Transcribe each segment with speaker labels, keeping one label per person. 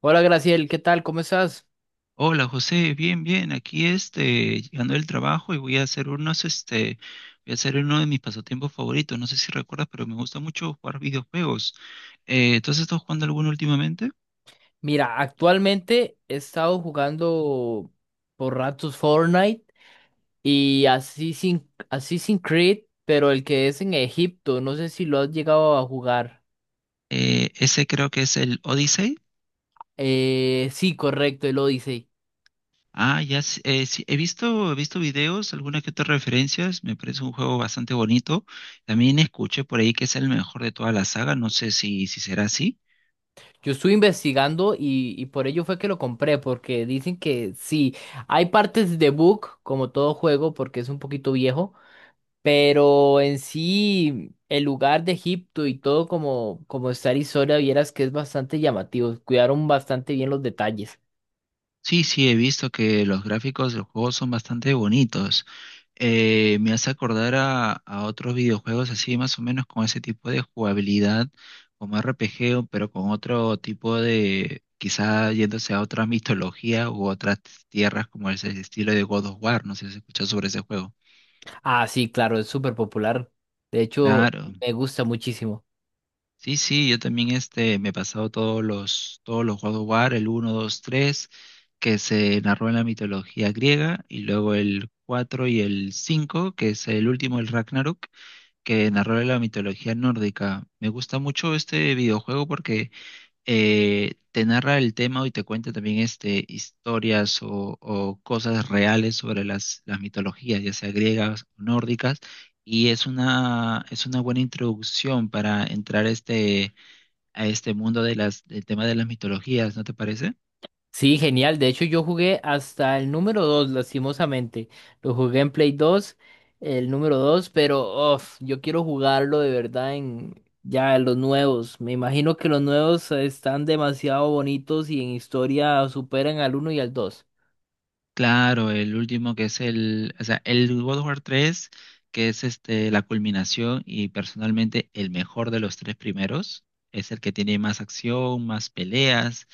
Speaker 1: Hola Graciel, ¿qué tal? ¿Cómo estás?
Speaker 2: Hola José, bien, bien, aquí llegando del trabajo y voy a hacer voy a hacer uno de mis pasatiempos favoritos, no sé si recuerdas, pero me gusta mucho jugar videojuegos. ¿Entonces estás jugando alguno últimamente?
Speaker 1: Mira, actualmente he estado jugando por ratos Fortnite y Assassin's Creed, pero el que es en Egipto, no sé si lo has llegado a jugar.
Speaker 2: Ese creo que es el Odyssey.
Speaker 1: Sí, correcto, el Odyssey.
Speaker 2: Ah, ya, sí, sí, he visto videos, algunas que otras referencias, me parece un juego bastante bonito. También escuché por ahí que es el mejor de toda la saga, no sé si será así.
Speaker 1: Yo estuve investigando y por ello fue que lo compré, porque dicen que sí, hay partes de bug, como todo juego, porque es un poquito viejo. Pero en sí, el lugar de Egipto y todo como está Arizona, vieras que es bastante llamativo. Cuidaron bastante bien los detalles.
Speaker 2: Sí, sí, he visto que los gráficos del juego son bastante bonitos. Me hace acordar a otros videojuegos así más o menos con ese tipo de jugabilidad, como RPG, pero con otro tipo de, quizá yéndose a otra mitología u otras tierras como ese estilo de God of War, no sé si has escuchado sobre ese juego.
Speaker 1: Ah, sí, claro, es súper popular. De hecho,
Speaker 2: Claro.
Speaker 1: me gusta muchísimo.
Speaker 2: Sí, sí, yo también me he pasado todos los God of War, el uno, 2, 3, que se narró en la mitología griega, y luego el 4 y el 5, que es el último, el Ragnarok, que narra la mitología nórdica. Me gusta mucho este videojuego porque te narra el tema y te cuenta también historias o cosas reales sobre las mitologías, ya sea griegas o nórdicas, y es es una buena introducción para entrar a a este mundo de del tema de las mitologías, ¿no te parece?
Speaker 1: Sí, genial. De hecho, yo jugué hasta el número 2 lastimosamente. Lo jugué en Play 2, el número 2 pero uf, yo quiero jugarlo de verdad en ya los nuevos. Me imagino que los nuevos están demasiado bonitos y en historia superan al uno y al dos.
Speaker 2: Claro, el último que es el God of War 3, que es la culminación y personalmente el mejor de los tres primeros, es el que tiene más acción, más peleas,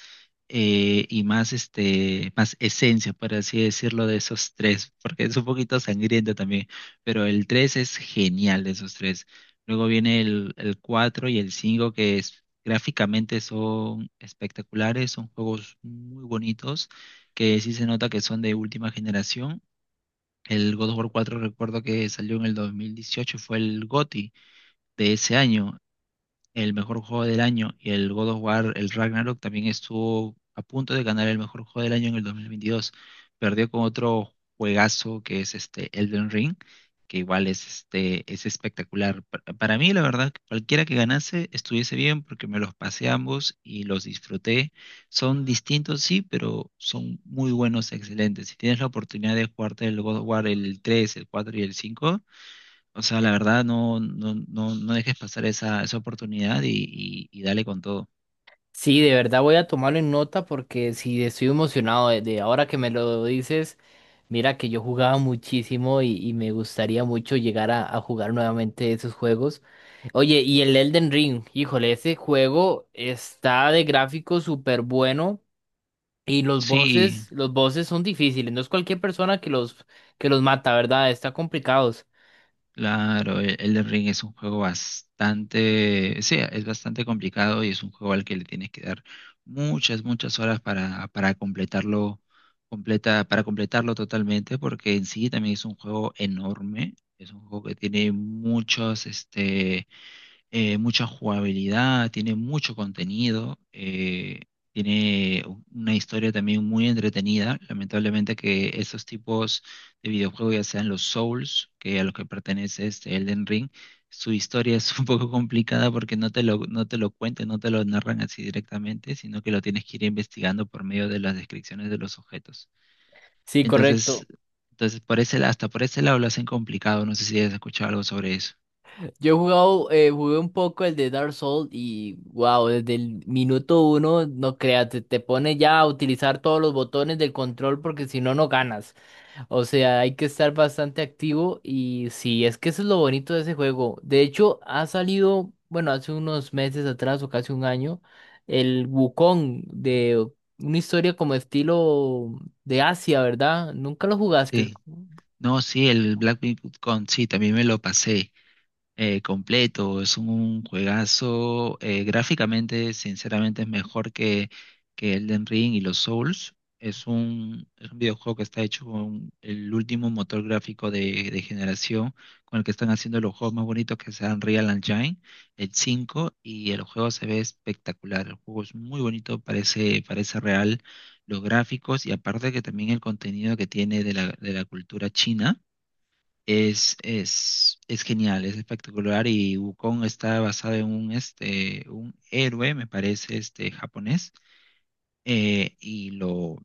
Speaker 2: y más esencia, por así decirlo, de esos tres, porque es un poquito sangriento también, pero el 3 es genial de esos tres. Luego viene el 4 y el 5 que es, gráficamente son espectaculares, son juegos muy bonitos, que sí se nota que son de última generación. El God of War cuatro recuerdo que salió en el 2018, fue el GOTY de ese año, el mejor juego del año, y el God of War, el Ragnarok, también estuvo a punto de ganar el mejor juego del año en el 2022. Perdió con otro juegazo que es Elden Ring, que igual es espectacular. Para mí, la verdad, cualquiera que ganase estuviese bien porque me los pasé ambos y los disfruté. Son distintos, sí, pero son muy buenos, excelentes. Si tienes la oportunidad de jugarte el God of War, el tres, el 4 y el cinco, o sea, la verdad, no, no, no, no dejes pasar esa oportunidad y dale con todo.
Speaker 1: Sí, de verdad voy a tomarlo en nota porque sí estoy emocionado de ahora que me lo dices. Mira que yo jugaba muchísimo y me gustaría mucho llegar a jugar nuevamente esos juegos. Oye, y el Elden Ring, híjole, ese juego está de gráfico súper bueno y
Speaker 2: Sí,
Speaker 1: los bosses son difíciles. No es cualquier persona que los mata, ¿verdad? Está complicados.
Speaker 2: claro, el Elden Ring es un juego bastante complicado y es un juego al que le tienes que dar muchas horas para para completarlo totalmente, porque en sí también es un juego enorme, es un juego que tiene mucha jugabilidad, tiene mucho contenido, tiene una historia también muy entretenida. Lamentablemente que esos tipos de videojuegos, ya sean los Souls, que a los que pertenece este Elden Ring, su historia es un poco complicada porque no te lo cuentan, no te lo narran así directamente, sino que lo tienes que ir investigando por medio de las descripciones de los objetos.
Speaker 1: Sí,
Speaker 2: Entonces,
Speaker 1: correcto.
Speaker 2: entonces, por hasta por ese lado lo hacen complicado. No sé si has escuchado algo sobre eso.
Speaker 1: Yo he jugado, jugué un poco el de Dark Souls y wow, desde el minuto uno, no creas, te pone ya a utilizar todos los botones del control porque si no, no ganas. O sea, hay que estar bastante activo y sí, es que eso es lo bonito de ese juego. De hecho, ha salido, bueno, hace unos meses atrás o casi un año, el Wukong de una historia como estilo de Asia, ¿verdad? Nunca lo jugaste.
Speaker 2: Sí. No, sí, el Black Myth con sí, también me lo pasé completo. Es un juegazo. Gráficamente, sinceramente, es mejor que Elden Ring y los Souls. Es un videojuego que está hecho con el último motor gráfico de generación, con el que están haciendo los juegos más bonitos que sean Real Engine, el 5 y el juego se ve espectacular. El juego es muy bonito, parece real. Los gráficos y aparte que también el contenido que tiene de de la cultura china es, es genial, es espectacular y Wukong está basado en un héroe, me parece, japonés, eh, y lo,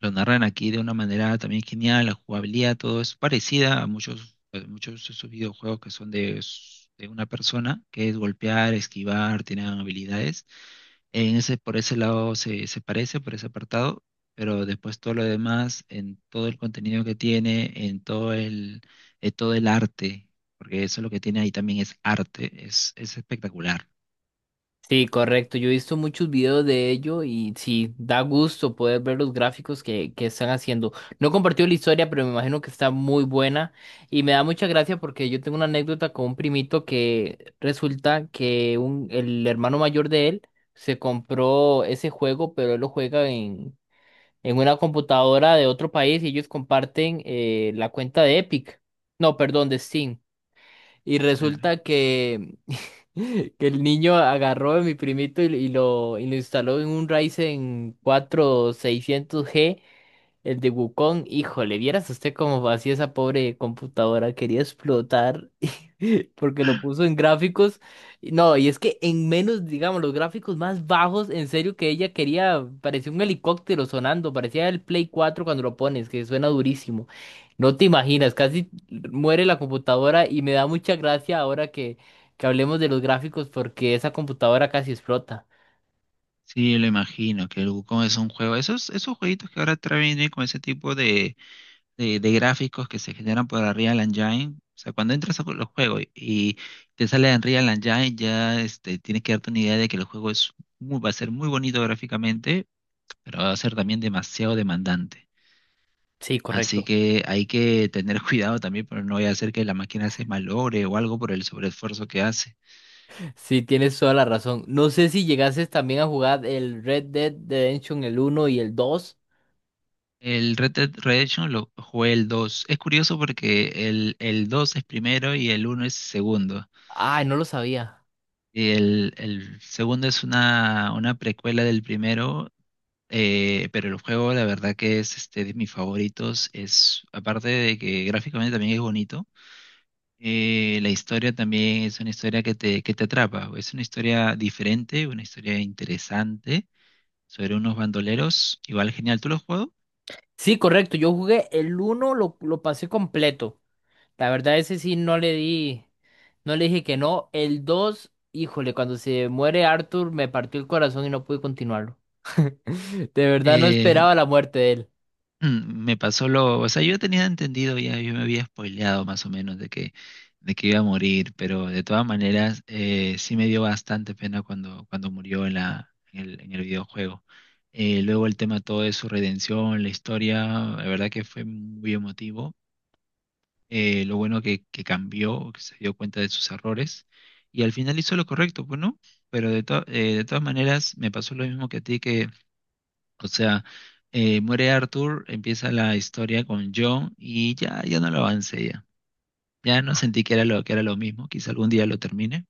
Speaker 2: lo narran aquí de una manera también genial, la jugabilidad, todo es parecida a muchos de esos videojuegos que son de una persona, que es golpear, esquivar, tienen habilidades, en por ese lado se parece, por ese apartado, pero después todo lo demás, en todo el contenido que tiene, en todo el arte, porque eso lo que tiene ahí también es arte, es espectacular.
Speaker 1: Sí, correcto. Yo he visto muchos videos de ello y sí, da gusto poder ver los gráficos que están haciendo. No he compartido la historia, pero me imagino que está muy buena y me da mucha gracia porque yo tengo una anécdota con un primito que resulta que el hermano mayor de él se compró ese juego, pero él lo juega en una computadora de otro país y ellos comparten la cuenta de Epic. No, perdón, de Steam. Y
Speaker 2: Claro.
Speaker 1: resulta que que el niño agarró a mi primito y lo instaló en un Ryzen 4600G el de Wukong, híjole, vieras usted cómo hacía esa pobre computadora, quería explotar porque lo puso en gráficos. Y no, y es que en menos, digamos, los gráficos más bajos, en serio que ella quería, parecía un helicóptero sonando, parecía el Play 4 cuando lo pones, que suena durísimo. No te imaginas, casi muere la computadora y me da mucha gracia ahora que hablemos de los gráficos porque esa computadora casi explota.
Speaker 2: Sí, lo imagino, que el Wukong es un juego. Esos jueguitos que ahora traen con ese tipo de gráficos que se generan por Unreal Engine. O sea, cuando entras a los juegos y te sale Unreal Engine, ya tienes que darte una idea de que el juego es muy, va a ser muy bonito gráficamente, pero va a ser también demasiado demandante.
Speaker 1: Sí,
Speaker 2: Así
Speaker 1: correcto.
Speaker 2: que hay que tener cuidado también, pero no voy a hacer que la máquina se malogre o algo por el sobreesfuerzo que hace.
Speaker 1: Sí, tienes toda la razón. No sé si llegases también a jugar el Red Dead Redemption, el uno y el dos.
Speaker 2: El Red Dead Redemption lo jugué el dos. Es curioso porque el 2 es primero y el uno es segundo.
Speaker 1: Ay, no lo sabía.
Speaker 2: Y el segundo es una precuela del primero, pero el juego la verdad que es de mis favoritos. Es, aparte de que gráficamente también es bonito, la historia también es una historia que te atrapa. Es una historia diferente, una historia interesante sobre unos bandoleros. Igual genial, ¿tú lo has jugado?
Speaker 1: Sí, correcto. Yo jugué el uno lo pasé completo. La verdad, ese sí no le di, no le dije que no. El 2, híjole, cuando se muere Arthur me partió el corazón y no pude continuarlo. De verdad no
Speaker 2: Eh,
Speaker 1: esperaba la muerte de él.
Speaker 2: Me pasó yo tenía entendido ya, yo me había spoileado más o menos de que iba a morir, pero de todas maneras sí me dio bastante pena cuando murió en en el videojuego. Luego el tema todo de su redención, la historia, la verdad que fue muy emotivo. Lo bueno que cambió, que se dio cuenta de sus errores y al final hizo lo correcto, pues no, pero de todas maneras me pasó lo mismo que a ti, o sea, muere Arthur, empieza la historia con John y ya no lo avancé ya. Ya no sentí que era que era lo mismo, quizá algún día lo termine,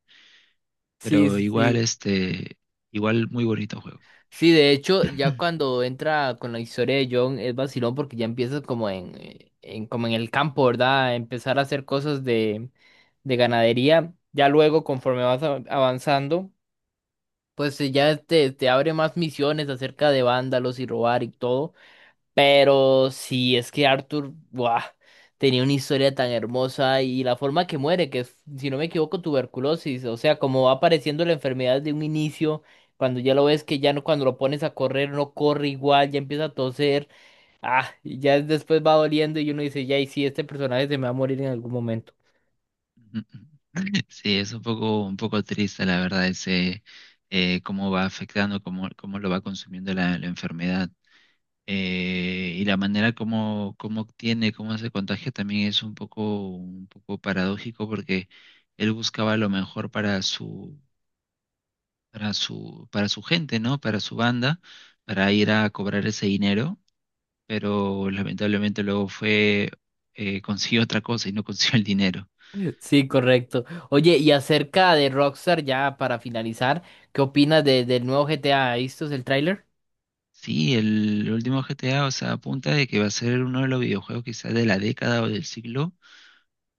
Speaker 1: Sí,
Speaker 2: pero
Speaker 1: sí, sí.
Speaker 2: igual muy bonito juego.
Speaker 1: Sí, de hecho, ya cuando entra con la historia de John es vacilón porque ya empiezas como en el campo, ¿verdad? Empezar a hacer cosas de ganadería. Ya luego, conforme avanzando, pues ya te abre más misiones acerca de vándalos y robar y todo. Pero sí, es que Arthur, ¡buah! Tenía una historia tan hermosa y la forma que muere, que es, si no me equivoco, tuberculosis, o sea, como va apareciendo la enfermedad de un inicio, cuando ya lo ves que ya no, cuando lo pones a correr no corre igual, ya empieza a toser, ah, y ya después va doliendo y uno dice, ya, y sí, este personaje se me va a morir en algún momento.
Speaker 2: Ujú. Sí, es un poco triste la verdad ese cómo va cómo lo va consumiendo la enfermedad. Y la manera como tiene, cómo se contagia también es un poco paradójico porque él buscaba lo mejor para su para su gente, ¿no? Para su banda, para ir a cobrar ese dinero, pero lamentablemente consiguió otra cosa y no consiguió el dinero.
Speaker 1: Sí, correcto. Oye, y acerca de Rockstar, ya para finalizar, ¿qué opinas del nuevo GTA? ¿Visto el tráiler?
Speaker 2: Sí, el último GTA, o sea, apunta de que va a ser uno de los videojuegos quizás de la década o del siglo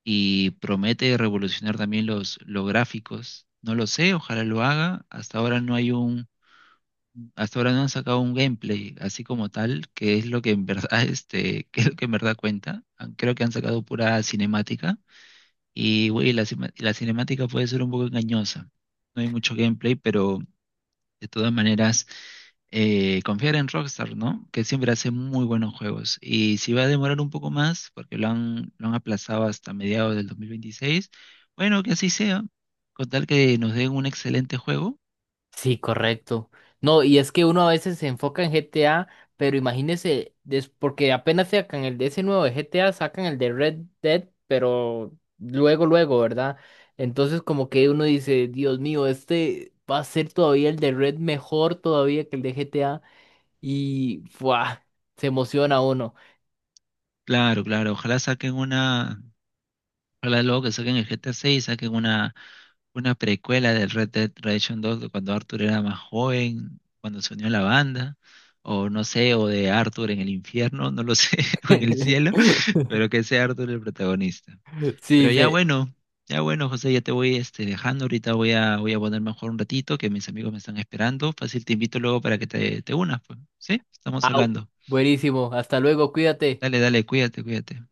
Speaker 2: y promete revolucionar también los gráficos. No lo sé, ojalá lo haga. Hasta ahora no han sacado un gameplay así como tal, que es lo que en verdad, que es lo que en verdad cuenta. Ah, creo que han sacado pura cinemática y, güey, la cinemática puede ser un poco engañosa. No hay mucho gameplay, pero de todas maneras, confiar en Rockstar, ¿no? Que siempre hace muy buenos juegos. Y si va a demorar un poco más, porque lo han aplazado hasta mediados del 2026, bueno, que así sea, con tal que nos den un excelente juego.
Speaker 1: Sí, correcto. No, y es que uno a veces se enfoca en GTA, pero imagínese, porque apenas sacan el de ese nuevo de GTA, sacan el de Red Dead, pero luego, luego, ¿verdad? Entonces como que uno dice, Dios mío, este va a ser todavía el de Red mejor todavía que el de GTA, y ¡fua! Se emociona uno.
Speaker 2: Claro, ojalá luego que saquen el GTA 6, saquen una precuela del Red Dead Redemption 2 de cuando Arthur era más joven, cuando se unió a la banda, o no sé, o de Arthur en el infierno, no lo sé, o en el cielo, pero que sea Arthur el protagonista.
Speaker 1: Sí,
Speaker 2: Pero
Speaker 1: dice,
Speaker 2: ya bueno, José, ya te voy dejando, ahorita voy a, voy a poner mejor un ratito, que mis amigos me están esperando, fácil, te invito luego para que te unas, pues, ¿sí? Estamos
Speaker 1: ¡au!
Speaker 2: hablando.
Speaker 1: Buenísimo, hasta luego, cuídate.
Speaker 2: Dale, dale, cuídate, cuídate.